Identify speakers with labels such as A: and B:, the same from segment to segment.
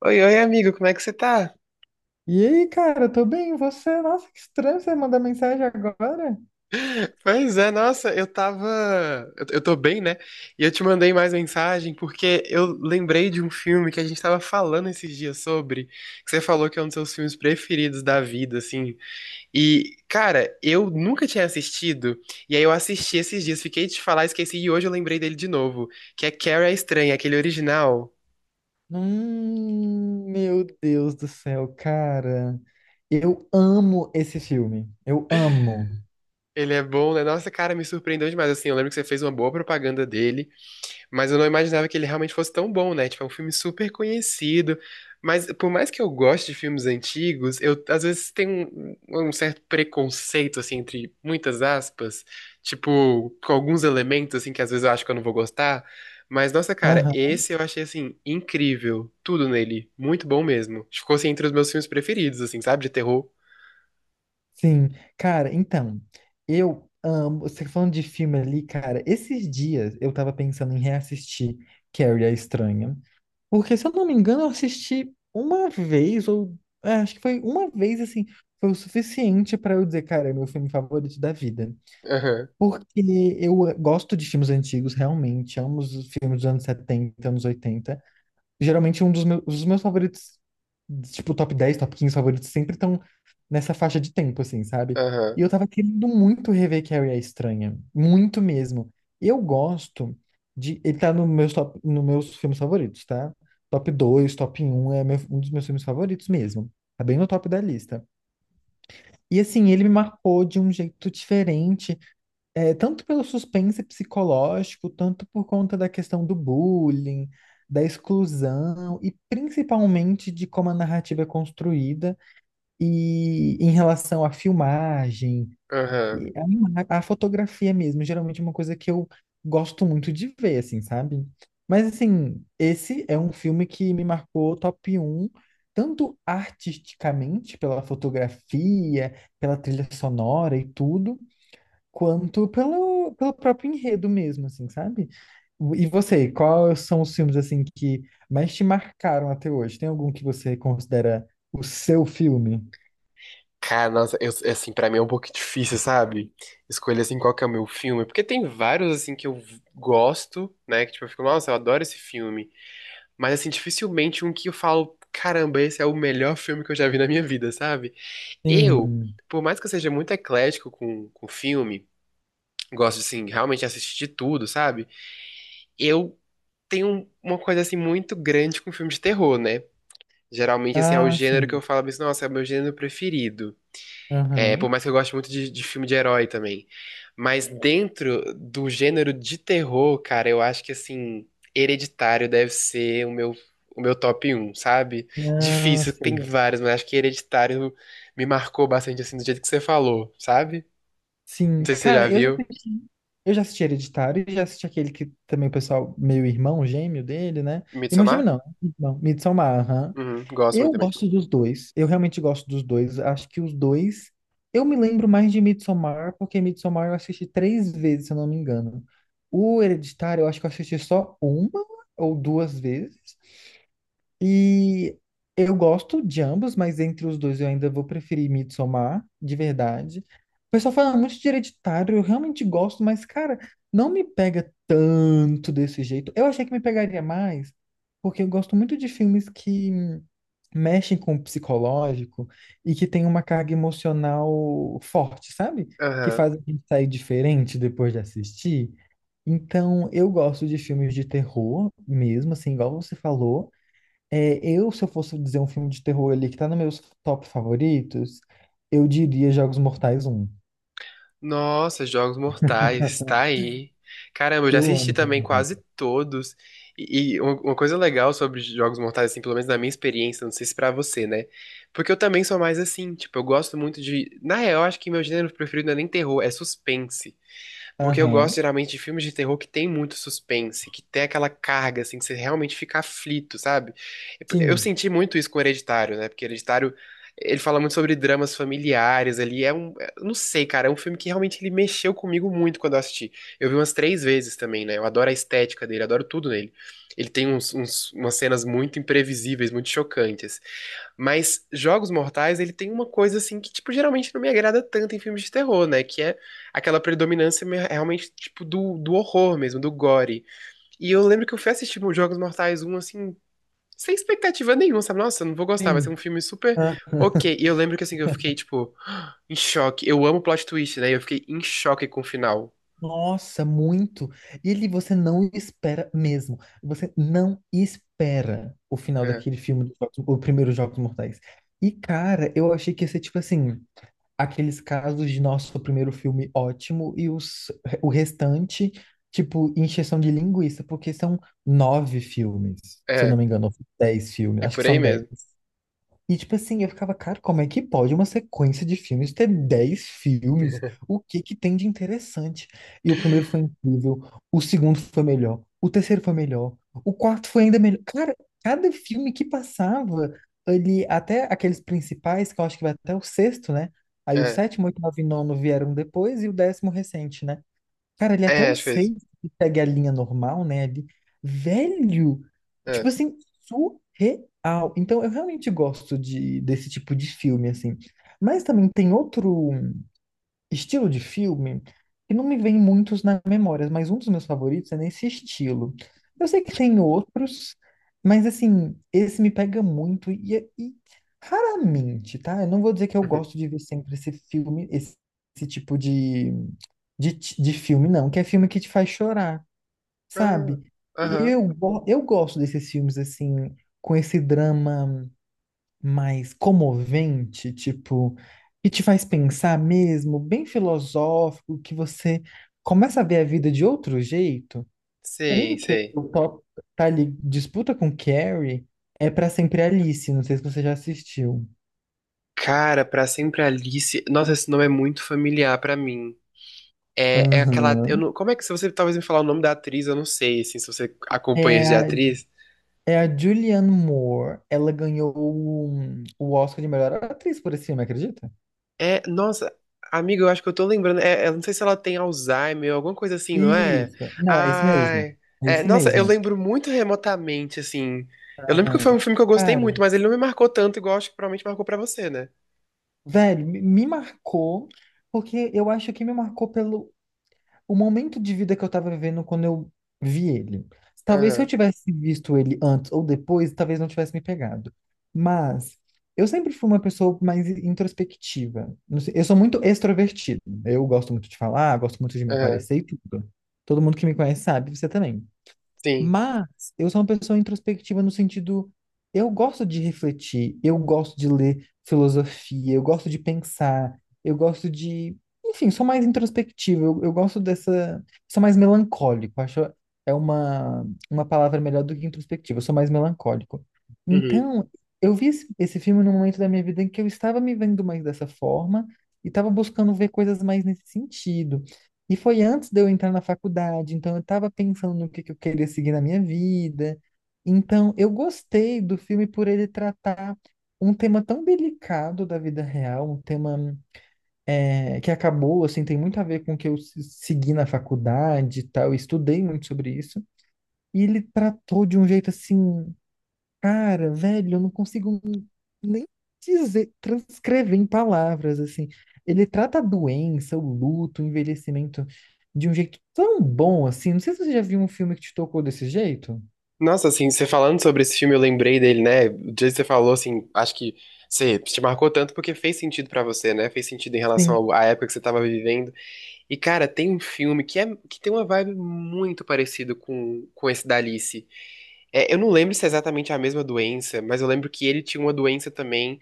A: Oi, oi, amigo, como é que você tá?
B: E aí, cara, tô bem, e você? Nossa, que estranho você mandar mensagem agora.
A: Pois é, nossa, eu tava. Eu tô bem, né? E eu te mandei mais mensagem porque eu lembrei de um filme que a gente tava falando esses dias sobre, que você falou que é um dos seus filmes preferidos da vida, assim. E, cara, eu nunca tinha assistido, e aí eu assisti esses dias, fiquei de te falar, esqueci, e hoje eu lembrei dele de novo, que é Carrie a Estranha, aquele original.
B: Meu Deus do céu, cara. Eu amo esse filme. Eu amo.
A: Ele é bom, né? Nossa, cara, me surpreendeu demais. Assim, eu lembro que você fez uma boa propaganda dele. Mas eu não imaginava que ele realmente fosse tão bom, né? Tipo, é um filme super conhecido. Mas por mais que eu goste de filmes antigos, eu às vezes tenho um certo preconceito, assim, entre muitas aspas, tipo, com alguns elementos, assim, que às vezes eu acho que eu não vou gostar. Mas, nossa, cara,
B: Aham,
A: esse eu achei, assim, incrível. Tudo nele. Muito bom mesmo. Ficou, assim, entre os meus filmes preferidos, assim, sabe? De terror.
B: sim. Cara, então, eu amo. Você falando de filme ali, cara, esses dias eu tava pensando em reassistir Carrie a Estranha. Porque, se eu não me engano, eu assisti uma vez, ou acho que foi uma vez assim, foi o suficiente pra eu dizer, cara, é meu filme favorito da vida.
A: Aham,
B: Porque eu gosto de filmes antigos, realmente. Amo os filmes dos anos 70, anos 80. Geralmente, os meus favoritos, tipo, top 10, top 15 favoritos, sempre estão nessa faixa de tempo, assim, sabe? E
A: aham,
B: eu tava querendo muito rever Carrie a Estranha. Muito mesmo. Eu gosto de. Ele tá no meus top, no meus filmes favoritos, tá? Top dois, top um é um dos meus filmes favoritos mesmo. Tá bem no top da lista. E assim, ele me marcou de um jeito diferente, tanto pelo suspense psicológico, tanto por conta da questão do bullying, da exclusão e principalmente de como a narrativa é construída e em relação à filmagem,
A: aham.
B: e a fotografia mesmo, geralmente é uma coisa que eu gosto muito de ver, assim, sabe? Mas assim, esse é um filme que me marcou top um, tanto artisticamente, pela fotografia, pela trilha sonora e tudo, quanto pelo, pelo próprio enredo mesmo, assim, sabe? E você, quais são os filmes, assim, que mais te marcaram até hoje? Tem algum que você considera o seu filme?
A: Cara, nossa, eu, assim, pra mim é um pouco difícil, sabe? Escolher, assim, qual que é o meu filme. Porque tem vários, assim, que eu gosto, né? Que, tipo, eu fico, nossa, eu adoro esse filme. Mas, assim, dificilmente um que eu falo, caramba, esse é o melhor filme que eu já vi na minha vida, sabe? Eu,
B: Sim.
A: por mais que eu seja muito eclético com filme, gosto de, assim, realmente assistir de tudo, sabe? Eu tenho um, uma coisa, assim, muito grande com filme de terror, né? Geralmente, assim, é o
B: Ah,
A: gênero que
B: sim.
A: eu falo, mas, nossa, é o meu gênero preferido. É,
B: Aham.
A: por mais que eu goste muito de filme de herói também. Mas dentro do gênero de terror, cara, eu acho que, assim, Hereditário deve ser o meu top um, sabe?
B: Ah,
A: Difícil, tem
B: sei.
A: vários, mas acho que Hereditário me marcou bastante, assim, do jeito que você falou, sabe?
B: Sim,
A: Não sei se você já
B: cara,
A: viu
B: eu já assisti Hereditário e já assisti aquele que também o pessoal, meio irmão, gêmeo dele, né? Irmão gêmeo
A: Midsommar?
B: não, irmão, Midsommar, aham.
A: Uhum, gosto muito
B: Eu
A: também.
B: gosto dos dois. Eu realmente gosto dos dois. Acho que os dois. Eu me lembro mais de Midsommar, porque Midsommar eu assisti 3 vezes, se eu não me engano. O Hereditário, eu acho que eu assisti só uma ou duas vezes. E eu gosto de ambos, mas entre os dois eu ainda vou preferir Midsommar, de verdade. O pessoal fala muito de Hereditário, eu realmente gosto, mas, cara, não me pega tanto desse jeito. Eu achei que me pegaria mais, porque eu gosto muito de filmes que mexem com o psicológico e que tem uma carga emocional forte, sabe? Que
A: Aham.
B: faz a gente sair diferente depois de assistir. Então, eu gosto de filmes de terror mesmo, assim, igual você falou. É, eu, se eu fosse dizer um filme de terror ali que tá nos meus top favoritos, eu diria Jogos Mortais um.
A: Nossa, Jogos Mortais, tá aí. Caramba, eu já
B: Eu
A: assisti
B: amo Jogos
A: também quase
B: Mortais.
A: todos. E uma coisa legal sobre Jogos Mortais, assim, pelo menos na minha experiência, não sei se pra você, né? Porque eu também sou mais assim, tipo, eu gosto muito de. Na real, eu acho que meu gênero preferido não é nem terror, é suspense. Porque eu gosto
B: Aham.
A: geralmente de filmes de terror que tem muito suspense, que tem aquela carga, assim, que você realmente fica aflito, sabe? Eu
B: Sim,
A: senti muito isso com Hereditário, né? Porque Hereditário, ele fala muito sobre dramas familiares ali. É um. É, eu não sei, cara, é um filme que realmente ele mexeu comigo muito quando eu assisti. Eu vi umas três vezes também, né? Eu adoro a estética dele, adoro tudo nele. Ele tem umas cenas muito imprevisíveis, muito chocantes. Mas Jogos Mortais, ele tem uma coisa assim que, tipo, geralmente não me agrada tanto em filmes de terror, né? Que é aquela predominância realmente, tipo, do horror mesmo, do gore. E eu lembro que eu fui assistir os Jogos Mortais um assim, sem expectativa nenhuma, sabe? Nossa, eu não vou gostar, vai ser um
B: sim.
A: filme super
B: Ah,
A: ok. E eu lembro que, assim, eu fiquei, tipo, em choque. Eu amo plot twist, né? Eu fiquei em choque com o final.
B: nossa, muito. E ele você não espera mesmo. Você não espera o final
A: É,
B: daquele filme, do o primeiro Jogos Mortais. E, cara, eu achei que ia ser tipo assim, aqueles casos de nosso primeiro filme ótimo e os, o restante, tipo, encheção de linguiça, porque são nove filmes, se eu não
A: é,
B: me engano, ou 10 filmes,
A: é
B: acho que
A: por aí
B: são 10.
A: mesmo.
B: E tipo assim, eu ficava, cara, como é que pode uma sequência de filmes ter 10 filmes? O que que tem de interessante? E o primeiro foi incrível, o segundo foi melhor, o terceiro foi melhor, o quarto foi ainda melhor. Cara, cada filme que passava ali, até aqueles principais, que eu acho que vai até o sexto, né? Aí o
A: É,
B: sétimo, oito, nove e nono vieram depois e o décimo recente, né? Cara, ele é até
A: é,
B: o
A: acho que é isso.
B: 6 que segue a linha normal, né? Ali. Velho! Tipo
A: É.
B: assim, surreal. Então, eu realmente gosto de, desse tipo de filme, assim. Mas também tem outro estilo de filme que não me vem muitos na memória, mas um dos meus favoritos é nesse estilo. Eu sei que tem outros, mas assim, esse me pega muito e raramente, tá? Eu não vou dizer que eu
A: Uhum.
B: gosto de ver sempre esse filme, esse tipo de filme, não, que é filme que te faz chorar,
A: Ah,
B: sabe?
A: aham.
B: Eu gosto desses filmes, assim, com esse drama mais comovente, tipo, que te faz pensar mesmo, bem filosófico, que você começa a ver a vida de outro jeito.
A: Sei,
B: Um que
A: sei.
B: o top tá ali, disputa com Carrie, é Pra Sempre Alice, não sei se você já assistiu.
A: Cara, Pra Sempre Alice. Nossa, esse nome é muito familiar pra mim. É, é aquela. Eu
B: Aham.
A: não, como é que se você talvez me falar o nome da atriz, eu não sei, assim, se você acompanha isso de
B: É,
A: atriz.
B: é a Julianne Moore. Ela ganhou o Oscar de melhor atriz por esse filme, acredita?
A: É, nossa, amiga, eu acho que eu tô lembrando. É, eu não sei se ela tem Alzheimer, alguma coisa assim, não é?
B: Isso. Não, é isso mesmo.
A: Ai.
B: É
A: É,
B: isso
A: nossa, eu
B: mesmo.
A: lembro muito remotamente, assim. Eu lembro que foi um
B: Aham.
A: filme que eu gostei muito,
B: Cara,
A: mas ele não me marcou tanto, igual acho que provavelmente marcou pra você, né?
B: velho, me marcou, porque eu acho que me marcou pelo o momento de vida que eu estava vivendo quando eu vi ele. Talvez se eu
A: Aham,
B: tivesse visto ele antes ou depois, talvez não tivesse me pegado. Mas eu sempre fui uma pessoa mais introspectiva. Não sei, eu sou muito extrovertido. Eu gosto muito de falar, gosto muito de me
A: aham,
B: aparecer e tudo. Todo mundo que me conhece sabe, você também.
A: sim.
B: Mas eu sou uma pessoa introspectiva no sentido, eu gosto de refletir, eu gosto de ler filosofia, eu gosto de pensar, eu gosto de, enfim, sou mais introspectivo, eu gosto dessa, sou mais melancólico, acho é uma palavra melhor do que introspectivo, eu sou mais melancólico.
A: Uhum.
B: Então, eu vi esse, esse filme num momento da minha vida em que eu estava me vendo mais dessa forma e estava buscando ver coisas mais nesse sentido. E foi antes de eu entrar na faculdade, então eu estava pensando no que eu queria seguir na minha vida. Então, eu gostei do filme por ele tratar um tema tão delicado da vida real, um tema que acabou, assim, tem muito a ver com o que eu segui na faculdade e tal, eu estudei muito sobre isso. E ele tratou de um jeito, assim, cara, velho, eu não consigo nem dizer, transcrever em palavras, assim. Ele trata a doença, o luto, o envelhecimento de um jeito tão bom, assim. Não sei se você já viu um filme que te tocou desse jeito.
A: Nossa, assim, você falando sobre esse filme, eu lembrei dele, né? O dia que você falou, assim, acho que você te marcou tanto porque fez sentido pra você, né? Fez sentido em relação
B: Sim.
A: à época que você tava vivendo. E, cara, tem um filme que, é, que tem uma vibe muito parecida com esse da Alice. É, eu não lembro se é exatamente a mesma doença, mas eu lembro que ele tinha uma doença também.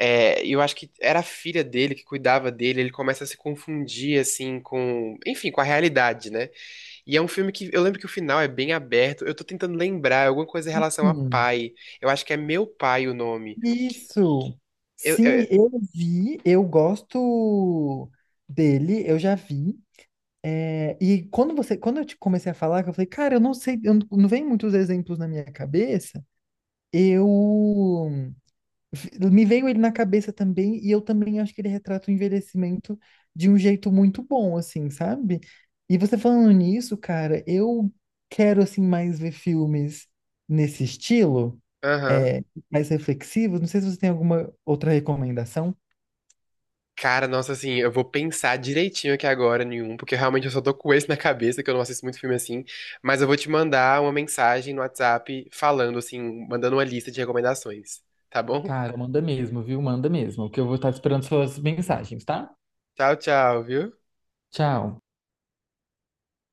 A: É, e eu acho que era a filha dele que cuidava dele. Ele começa a se confundir, assim, com, enfim, com a realidade, né? E é um filme que eu lembro que o final é bem aberto. Eu tô tentando lembrar, é alguma coisa em relação a
B: Hum.
A: pai. Eu acho que é Meu Pai o nome.
B: Isso.
A: Eu, eu-
B: Sim, eu vi, eu gosto dele, eu já vi. É, e quando quando eu te comecei a falar, que eu falei, cara, eu não sei, eu não, não vem muitos exemplos na minha cabeça. Eu Me veio ele na cabeça também, e eu também acho que ele retrata o envelhecimento de um jeito muito bom, assim, sabe? E você falando nisso, cara, eu quero, assim, mais ver filmes nesse estilo,
A: aham.
B: é, mais reflexivos. Não sei se você tem alguma outra recomendação.
A: Cara, nossa, assim, eu vou pensar direitinho aqui agora nenhum, porque realmente eu só tô com esse na cabeça, que eu não assisto muito filme assim. Mas eu vou te mandar uma mensagem no WhatsApp falando, assim, mandando uma lista de recomendações. Tá bom?
B: Cara, manda mesmo, viu? Manda mesmo, que eu vou estar esperando suas mensagens, tá?
A: Tchau, tchau, viu?
B: Tchau.